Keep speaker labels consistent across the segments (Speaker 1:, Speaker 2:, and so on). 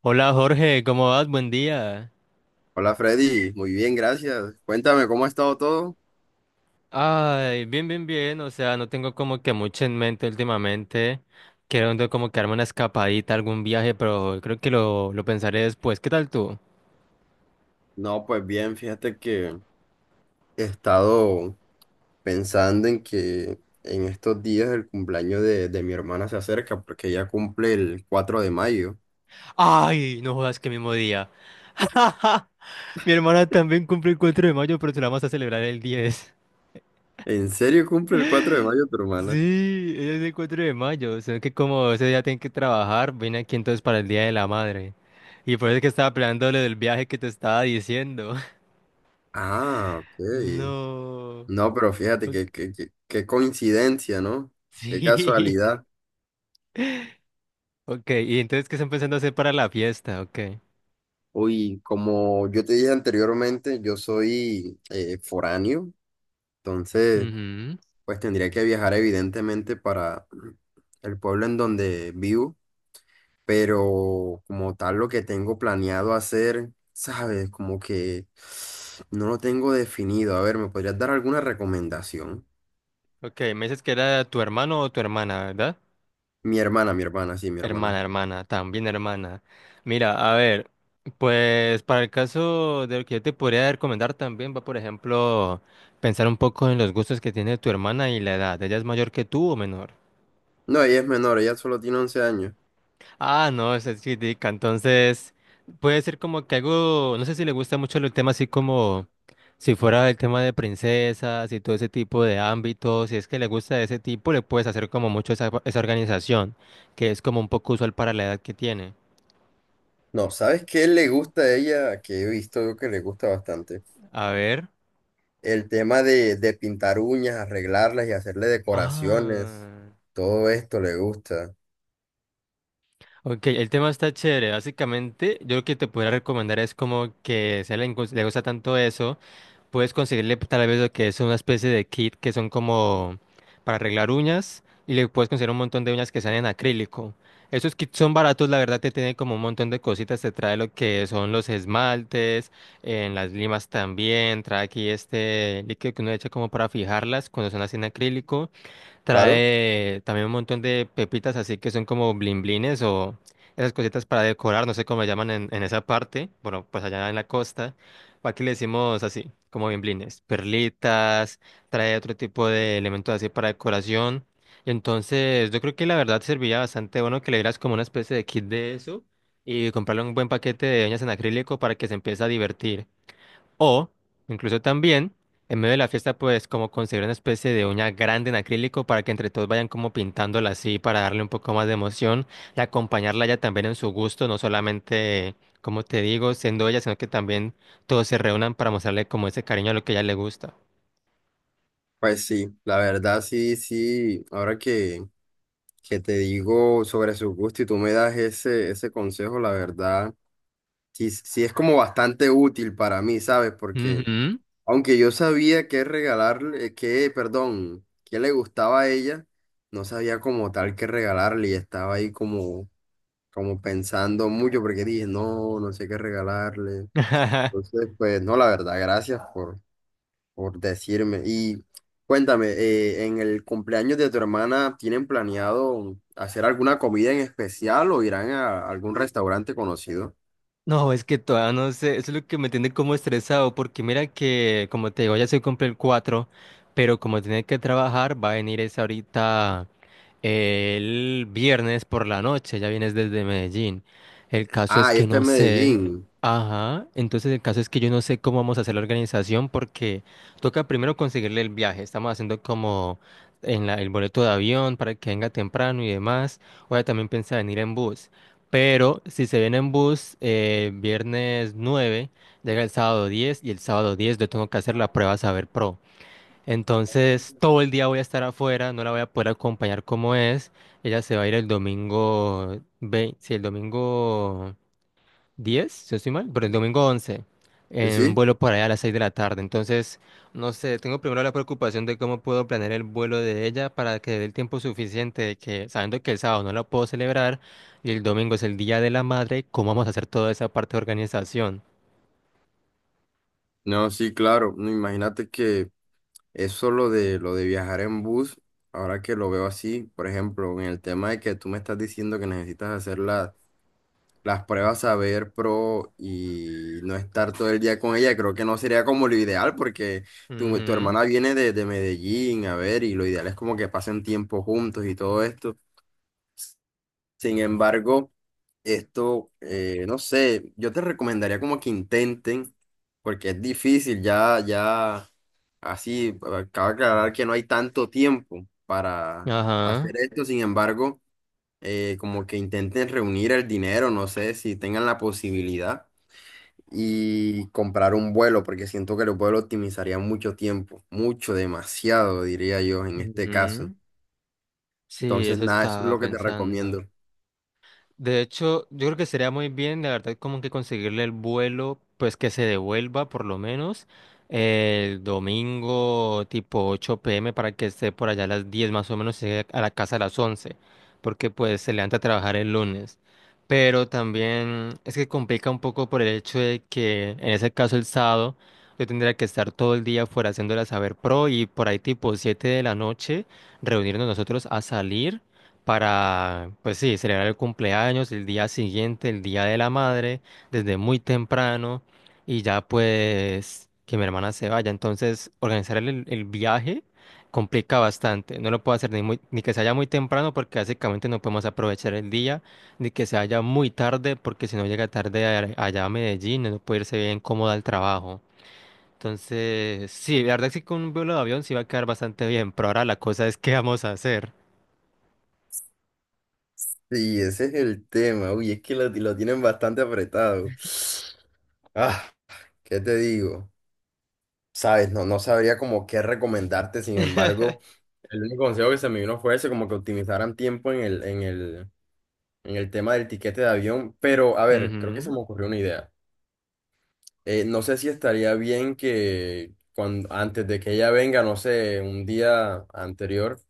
Speaker 1: Hola Jorge, ¿cómo vas? Buen día.
Speaker 2: Hola Freddy, muy bien, gracias. Cuéntame, ¿cómo ha estado todo?
Speaker 1: Ay, bien, bien, bien. O sea, no tengo como que mucho en mente últimamente. Quiero como que darme una escapadita, algún viaje, pero creo que lo pensaré después. ¿Qué tal tú?
Speaker 2: No, pues bien, fíjate que he estado pensando en que en estos días el cumpleaños de mi hermana se acerca porque ella cumple el 4 de mayo.
Speaker 1: Ay, no jodas, que mismo día. Mi hermana también cumple el 4 de mayo, pero se la vamos a celebrar el 10.
Speaker 2: ¿En serio cumple el 4 de mayo tu hermana?
Speaker 1: Sí, ella es el 4 de mayo. O que como ese día tiene que trabajar, vine aquí entonces para el Día de la Madre. Y por eso es que estaba planeando lo del viaje que te estaba diciendo.
Speaker 2: Ah, ok.
Speaker 1: No.
Speaker 2: No, pero fíjate
Speaker 1: Ok.
Speaker 2: qué coincidencia, ¿no? Qué
Speaker 1: Sí.
Speaker 2: casualidad.
Speaker 1: Ok, y entonces, ¿qué están pensando hacer para la fiesta? Ok.
Speaker 2: Uy, como yo te dije anteriormente, yo soy foráneo, entonces...
Speaker 1: Ujú.
Speaker 2: Pues tendría que viajar evidentemente para el pueblo en donde vivo, pero como tal lo que tengo planeado hacer, ¿sabes? Como que no lo tengo definido. A ver, ¿me podrías dar alguna recomendación?
Speaker 1: Ok, me dices que era tu hermano o tu hermana, ¿verdad?
Speaker 2: Mi hermana, sí, mi hermana.
Speaker 1: Hermana, hermana, también hermana. Mira, a ver, pues para el caso de lo que yo te podría recomendar también va, por ejemplo, pensar un poco en los gustos que tiene tu hermana y la edad. ¿Ella es mayor que tú o menor?
Speaker 2: No, ella es menor, ella solo tiene 11 años.
Speaker 1: Ah, no, esa es chidica. Entonces, puede ser como que algo, no sé si le gusta mucho el tema así como si fuera el tema de princesas y todo ese tipo de ámbitos, si es que le gusta de ese tipo, le puedes hacer como mucho esa organización, que es como un poco usual para la edad que tiene.
Speaker 2: No, ¿sabes qué le gusta a ella? Que he visto yo que le gusta bastante.
Speaker 1: A ver.
Speaker 2: El tema de pintar uñas, arreglarlas y hacerle decoraciones.
Speaker 1: Ah.
Speaker 2: Todo esto le gusta.
Speaker 1: Ok, el tema está chévere. Básicamente, yo lo que te podría recomendar es como que si a él le gusta tanto eso. Puedes conseguirle pues, tal vez lo que es una especie de kit que son como para arreglar uñas y le puedes conseguir un montón de uñas que sean en acrílico. Esos kits son baratos, la verdad te tienen como un montón de cositas, te trae lo que son los esmaltes, en las limas también, trae aquí este líquido que uno echa como para fijarlas cuando son así en acrílico.
Speaker 2: Claro.
Speaker 1: Trae también un montón de pepitas así que son como blimblines o esas cositas para decorar, no sé cómo le llaman en esa parte, bueno, pues allá en la costa. Aquí le decimos así, como blimblines, perlitas, trae otro tipo de elementos así para decoración. Y entonces yo creo que la verdad servía bastante bueno que le dieras como una especie de kit de eso y comprarle un buen paquete de uñas en acrílico para que se empiece a divertir. O, incluso también, en medio de la fiesta, pues como conseguir una especie de uña grande en acrílico para que entre todos vayan como pintándola así para darle un poco más de emoción y acompañarla ya también en su gusto, no solamente, como te digo, siendo ella, sino que también todos se reúnan para mostrarle como ese cariño a lo que a ella le gusta.
Speaker 2: Pues sí, la verdad sí, sí, ahora que te digo sobre su gusto y tú me das ese consejo, la verdad, sí, sí es como bastante útil para mí, ¿sabes? Porque
Speaker 1: Ujú.
Speaker 2: aunque yo sabía qué regalarle, perdón, qué le gustaba a ella, no sabía como tal qué regalarle y estaba ahí como, como pensando mucho porque dije, no, no sé qué regalarle. Entonces, pues no, la verdad, gracias por decirme. Y cuéntame, ¿en el cumpleaños de tu hermana tienen planeado hacer alguna comida en especial o irán a algún restaurante conocido?
Speaker 1: No, es que todavía no sé, eso es lo que me tiene como estresado, porque mira que, como te digo, ya se cumple el 4, pero como tiene que trabajar, va a venir es ahorita, el viernes por la noche, ya vienes desde Medellín. El caso es
Speaker 2: Ah, y
Speaker 1: que
Speaker 2: este es
Speaker 1: no sé,
Speaker 2: Medellín.
Speaker 1: ajá, entonces el caso es que yo no sé cómo vamos a hacer la organización, porque toca primero conseguirle el viaje, estamos haciendo como el boleto de avión para que venga temprano y demás, o ya también piensa venir en bus. Pero si se viene en bus, viernes 9, llega el sábado 10 y el sábado 10 yo tengo que hacer la prueba Saber Pro. Entonces todo el día voy a estar afuera, no la voy a poder acompañar como es. Ella se va a ir el domingo, si el domingo 10 si no estoy mal, pero el domingo 11
Speaker 2: ¿Sí?
Speaker 1: en un
Speaker 2: ¿sí?
Speaker 1: vuelo por allá a las 6 de la tarde. Entonces, no sé, tengo primero la preocupación de cómo puedo planear el vuelo de ella para que dé el tiempo suficiente, de que sabiendo que el sábado no la puedo celebrar y el domingo es el Día de la Madre, ¿cómo vamos a hacer toda esa parte de organización?
Speaker 2: No, sí, claro. No, imagínate que eso lo de viajar en bus, ahora que lo veo así, por ejemplo, en el tema de que tú me estás diciendo que necesitas hacer las pruebas Saber Pro y no estar todo el día con ella, creo que no sería como lo ideal porque tu
Speaker 1: Ujú.
Speaker 2: hermana viene de Medellín, a ver, y lo ideal es como que pasen tiempo juntos y todo esto. Sin embargo, esto, no sé, yo te recomendaría como que intenten, porque es difícil, ya, ya, así, acaba de aclarar que no hay tanto tiempo para
Speaker 1: Ajá.
Speaker 2: hacer esto, sin embargo como que intenten reunir el dinero, no sé si tengan la posibilidad, y comprar un vuelo, porque siento que el vuelo optimizaría mucho tiempo, mucho, demasiado, diría yo, en este caso.
Speaker 1: Ujú. Sí,
Speaker 2: Entonces,
Speaker 1: eso
Speaker 2: nada, eso es
Speaker 1: estaba
Speaker 2: lo que te
Speaker 1: pensando.
Speaker 2: recomiendo.
Speaker 1: De hecho, yo creo que sería muy bien, la verdad, como que conseguirle el vuelo, pues que se devuelva por lo menos el domingo tipo 8 p.m. para que esté por allá a las 10 más o menos, y llegue a la casa a las 11, porque pues se levanta a trabajar el lunes. Pero también es que complica un poco por el hecho de que en ese caso el sábado yo tendría que estar todo el día fuera haciéndola saber pro y por ahí tipo 7 de la noche reunirnos nosotros a salir para, pues sí, celebrar el cumpleaños, el día siguiente, el día de la madre, desde muy temprano, y ya pues que mi hermana se vaya. Entonces, organizar el viaje complica bastante. No lo puedo hacer ni ni que se haya muy temprano, porque básicamente no podemos aprovechar el día, ni que se haya muy tarde, porque si no llega tarde allá a Medellín, no puede irse bien cómoda al trabajo. Entonces, sí, la verdad es que con un vuelo de avión sí va a quedar bastante bien, pero ahora la cosa es qué vamos a hacer.
Speaker 2: Sí, ese es el tema. Uy, es que lo tienen bastante apretado. Ah, ¿qué te digo? Sabes, no, no sabría como qué recomendarte, sin embargo, el único consejo que se me vino fue ese, como que optimizaran tiempo en el tema del tiquete de avión, pero a ver, creo que se
Speaker 1: Ujú.
Speaker 2: me ocurrió una idea. No sé si estaría bien que cuando, antes de que ella venga, no sé, un día anterior,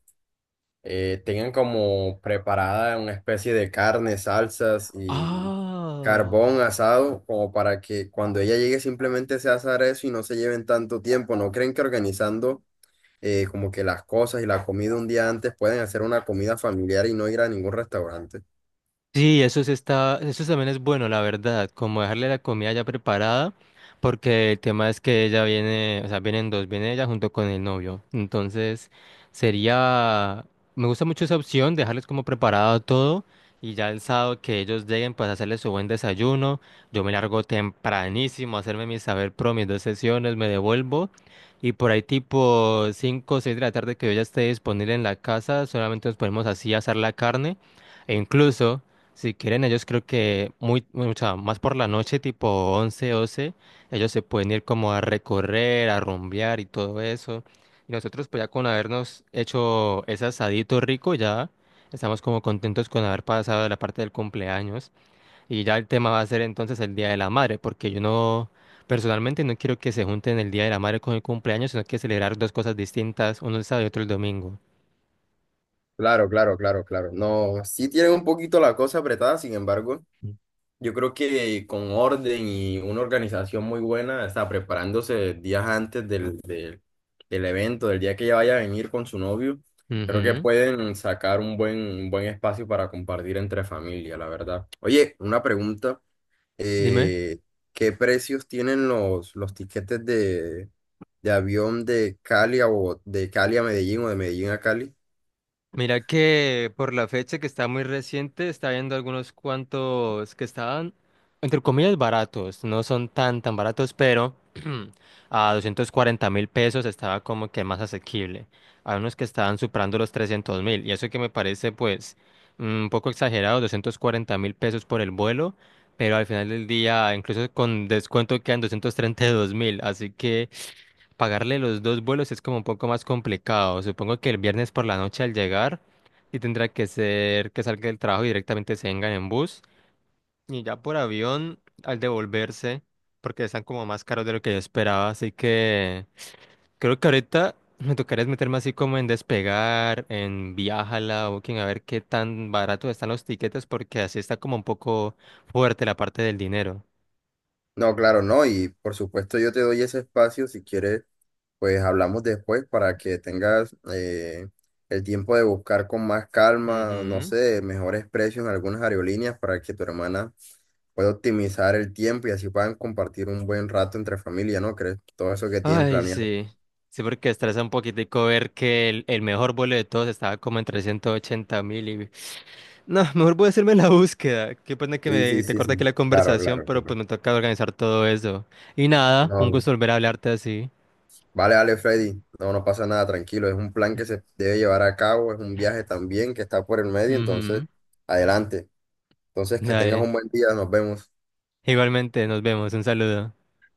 Speaker 2: tengan como preparada una especie de carne, salsas y
Speaker 1: Oh.
Speaker 2: carbón asado, como para que cuando ella llegue simplemente se asar eso y no se lleven tanto tiempo. ¿No creen que organizando como que las cosas y la comida un día antes pueden hacer una comida familiar y no ir a ningún restaurante?
Speaker 1: Sí, eso sí está, eso también es bueno, la verdad, como dejarle la comida ya preparada, porque el tema es que ella viene, o sea, vienen dos, viene ella junto con el novio. Entonces, sería, me gusta mucho esa opción, dejarles como preparado todo y ya el sábado que ellos lleguen, pues hacerles su buen desayuno. Yo me largo tempranísimo a hacerme mi saber pro, mis dos sesiones, me devuelvo y por ahí tipo 5, o 6 de la tarde que yo ya esté disponible en la casa, solamente nos ponemos así a asar la carne. E incluso si quieren, ellos creo que o sea, más por la noche, tipo 11, 12, ellos se pueden ir como a recorrer, a rumbear y todo eso. Y nosotros pues ya con habernos hecho ese asadito rico, ya estamos como contentos con haber pasado la parte del cumpleaños. Y ya el tema va a ser entonces el Día de la Madre, porque yo no, personalmente no quiero que se junten el Día de la Madre con el cumpleaños, sino que celebrar dos cosas distintas, uno el sábado y otro el domingo.
Speaker 2: Claro, claro, claro, claro. No, sí tienen un poquito la cosa apretada, sin embargo, yo creo que con orden y una organización muy buena, está preparándose días antes del evento, del día que ella vaya a venir con su novio, creo que
Speaker 1: Ujú.
Speaker 2: pueden sacar un buen espacio para compartir entre familia, la verdad. Oye, una pregunta,
Speaker 1: Dime.
Speaker 2: eh, ¿qué precios tienen los tiquetes de avión de Cali a de Cali a Medellín o de Medellín a Cali?
Speaker 1: Mira que por la fecha que está muy reciente, está viendo algunos cuantos que estaban, entre comillas, baratos. No son tan tan baratos, pero a 240.000 pesos estaba como que más asequible. Hay unos que estaban superando los 300.000. Y eso que me parece pues un poco exagerado, 240.000 pesos por el vuelo, pero al final del día, incluso con descuento, quedan 232.000. Así que... Pagarle los dos vuelos es como un poco más complicado. Supongo que el viernes por la noche al llegar y tendrá que ser que salga del trabajo y directamente se vengan en bus y ya por avión al devolverse porque están como más caros de lo que yo esperaba. Así que creo que ahorita me tocaría es meterme así como en Despegar, en Viajala, Booking, a ver qué tan barato están los tiquetes porque así está como un poco fuerte la parte del dinero.
Speaker 2: No, claro, no. Y por supuesto yo te doy ese espacio si quieres, pues hablamos después para que tengas el tiempo de buscar con más calma, no
Speaker 1: Ujú.
Speaker 2: sé, mejores precios en algunas aerolíneas para que tu hermana pueda optimizar el tiempo y así puedan compartir un buen rato entre familia, ¿no crees? Todo eso que tienen
Speaker 1: Ay,
Speaker 2: planeado.
Speaker 1: sí. Sí, porque estresa un poquitico ver que el mejor vuelo de todos estaba como en 380.000 y... No, mejor voy a hacerme la búsqueda. Qué pena que
Speaker 2: Sí, sí,
Speaker 1: me, te
Speaker 2: sí,
Speaker 1: corta aquí
Speaker 2: sí.
Speaker 1: la
Speaker 2: Claro,
Speaker 1: conversación,
Speaker 2: claro,
Speaker 1: pero
Speaker 2: claro.
Speaker 1: pues me toca organizar todo eso. Y nada,
Speaker 2: No,
Speaker 1: un
Speaker 2: no.
Speaker 1: gusto volver a hablarte así.
Speaker 2: Vale, vale, Freddy. No, no pasa nada, tranquilo. Es un plan que se debe llevar a cabo, es un viaje también que está por el medio, entonces,
Speaker 1: Ujú.
Speaker 2: adelante. Entonces, que tengas
Speaker 1: Dale.
Speaker 2: un buen día, nos vemos.
Speaker 1: Igualmente, nos vemos. Un saludo.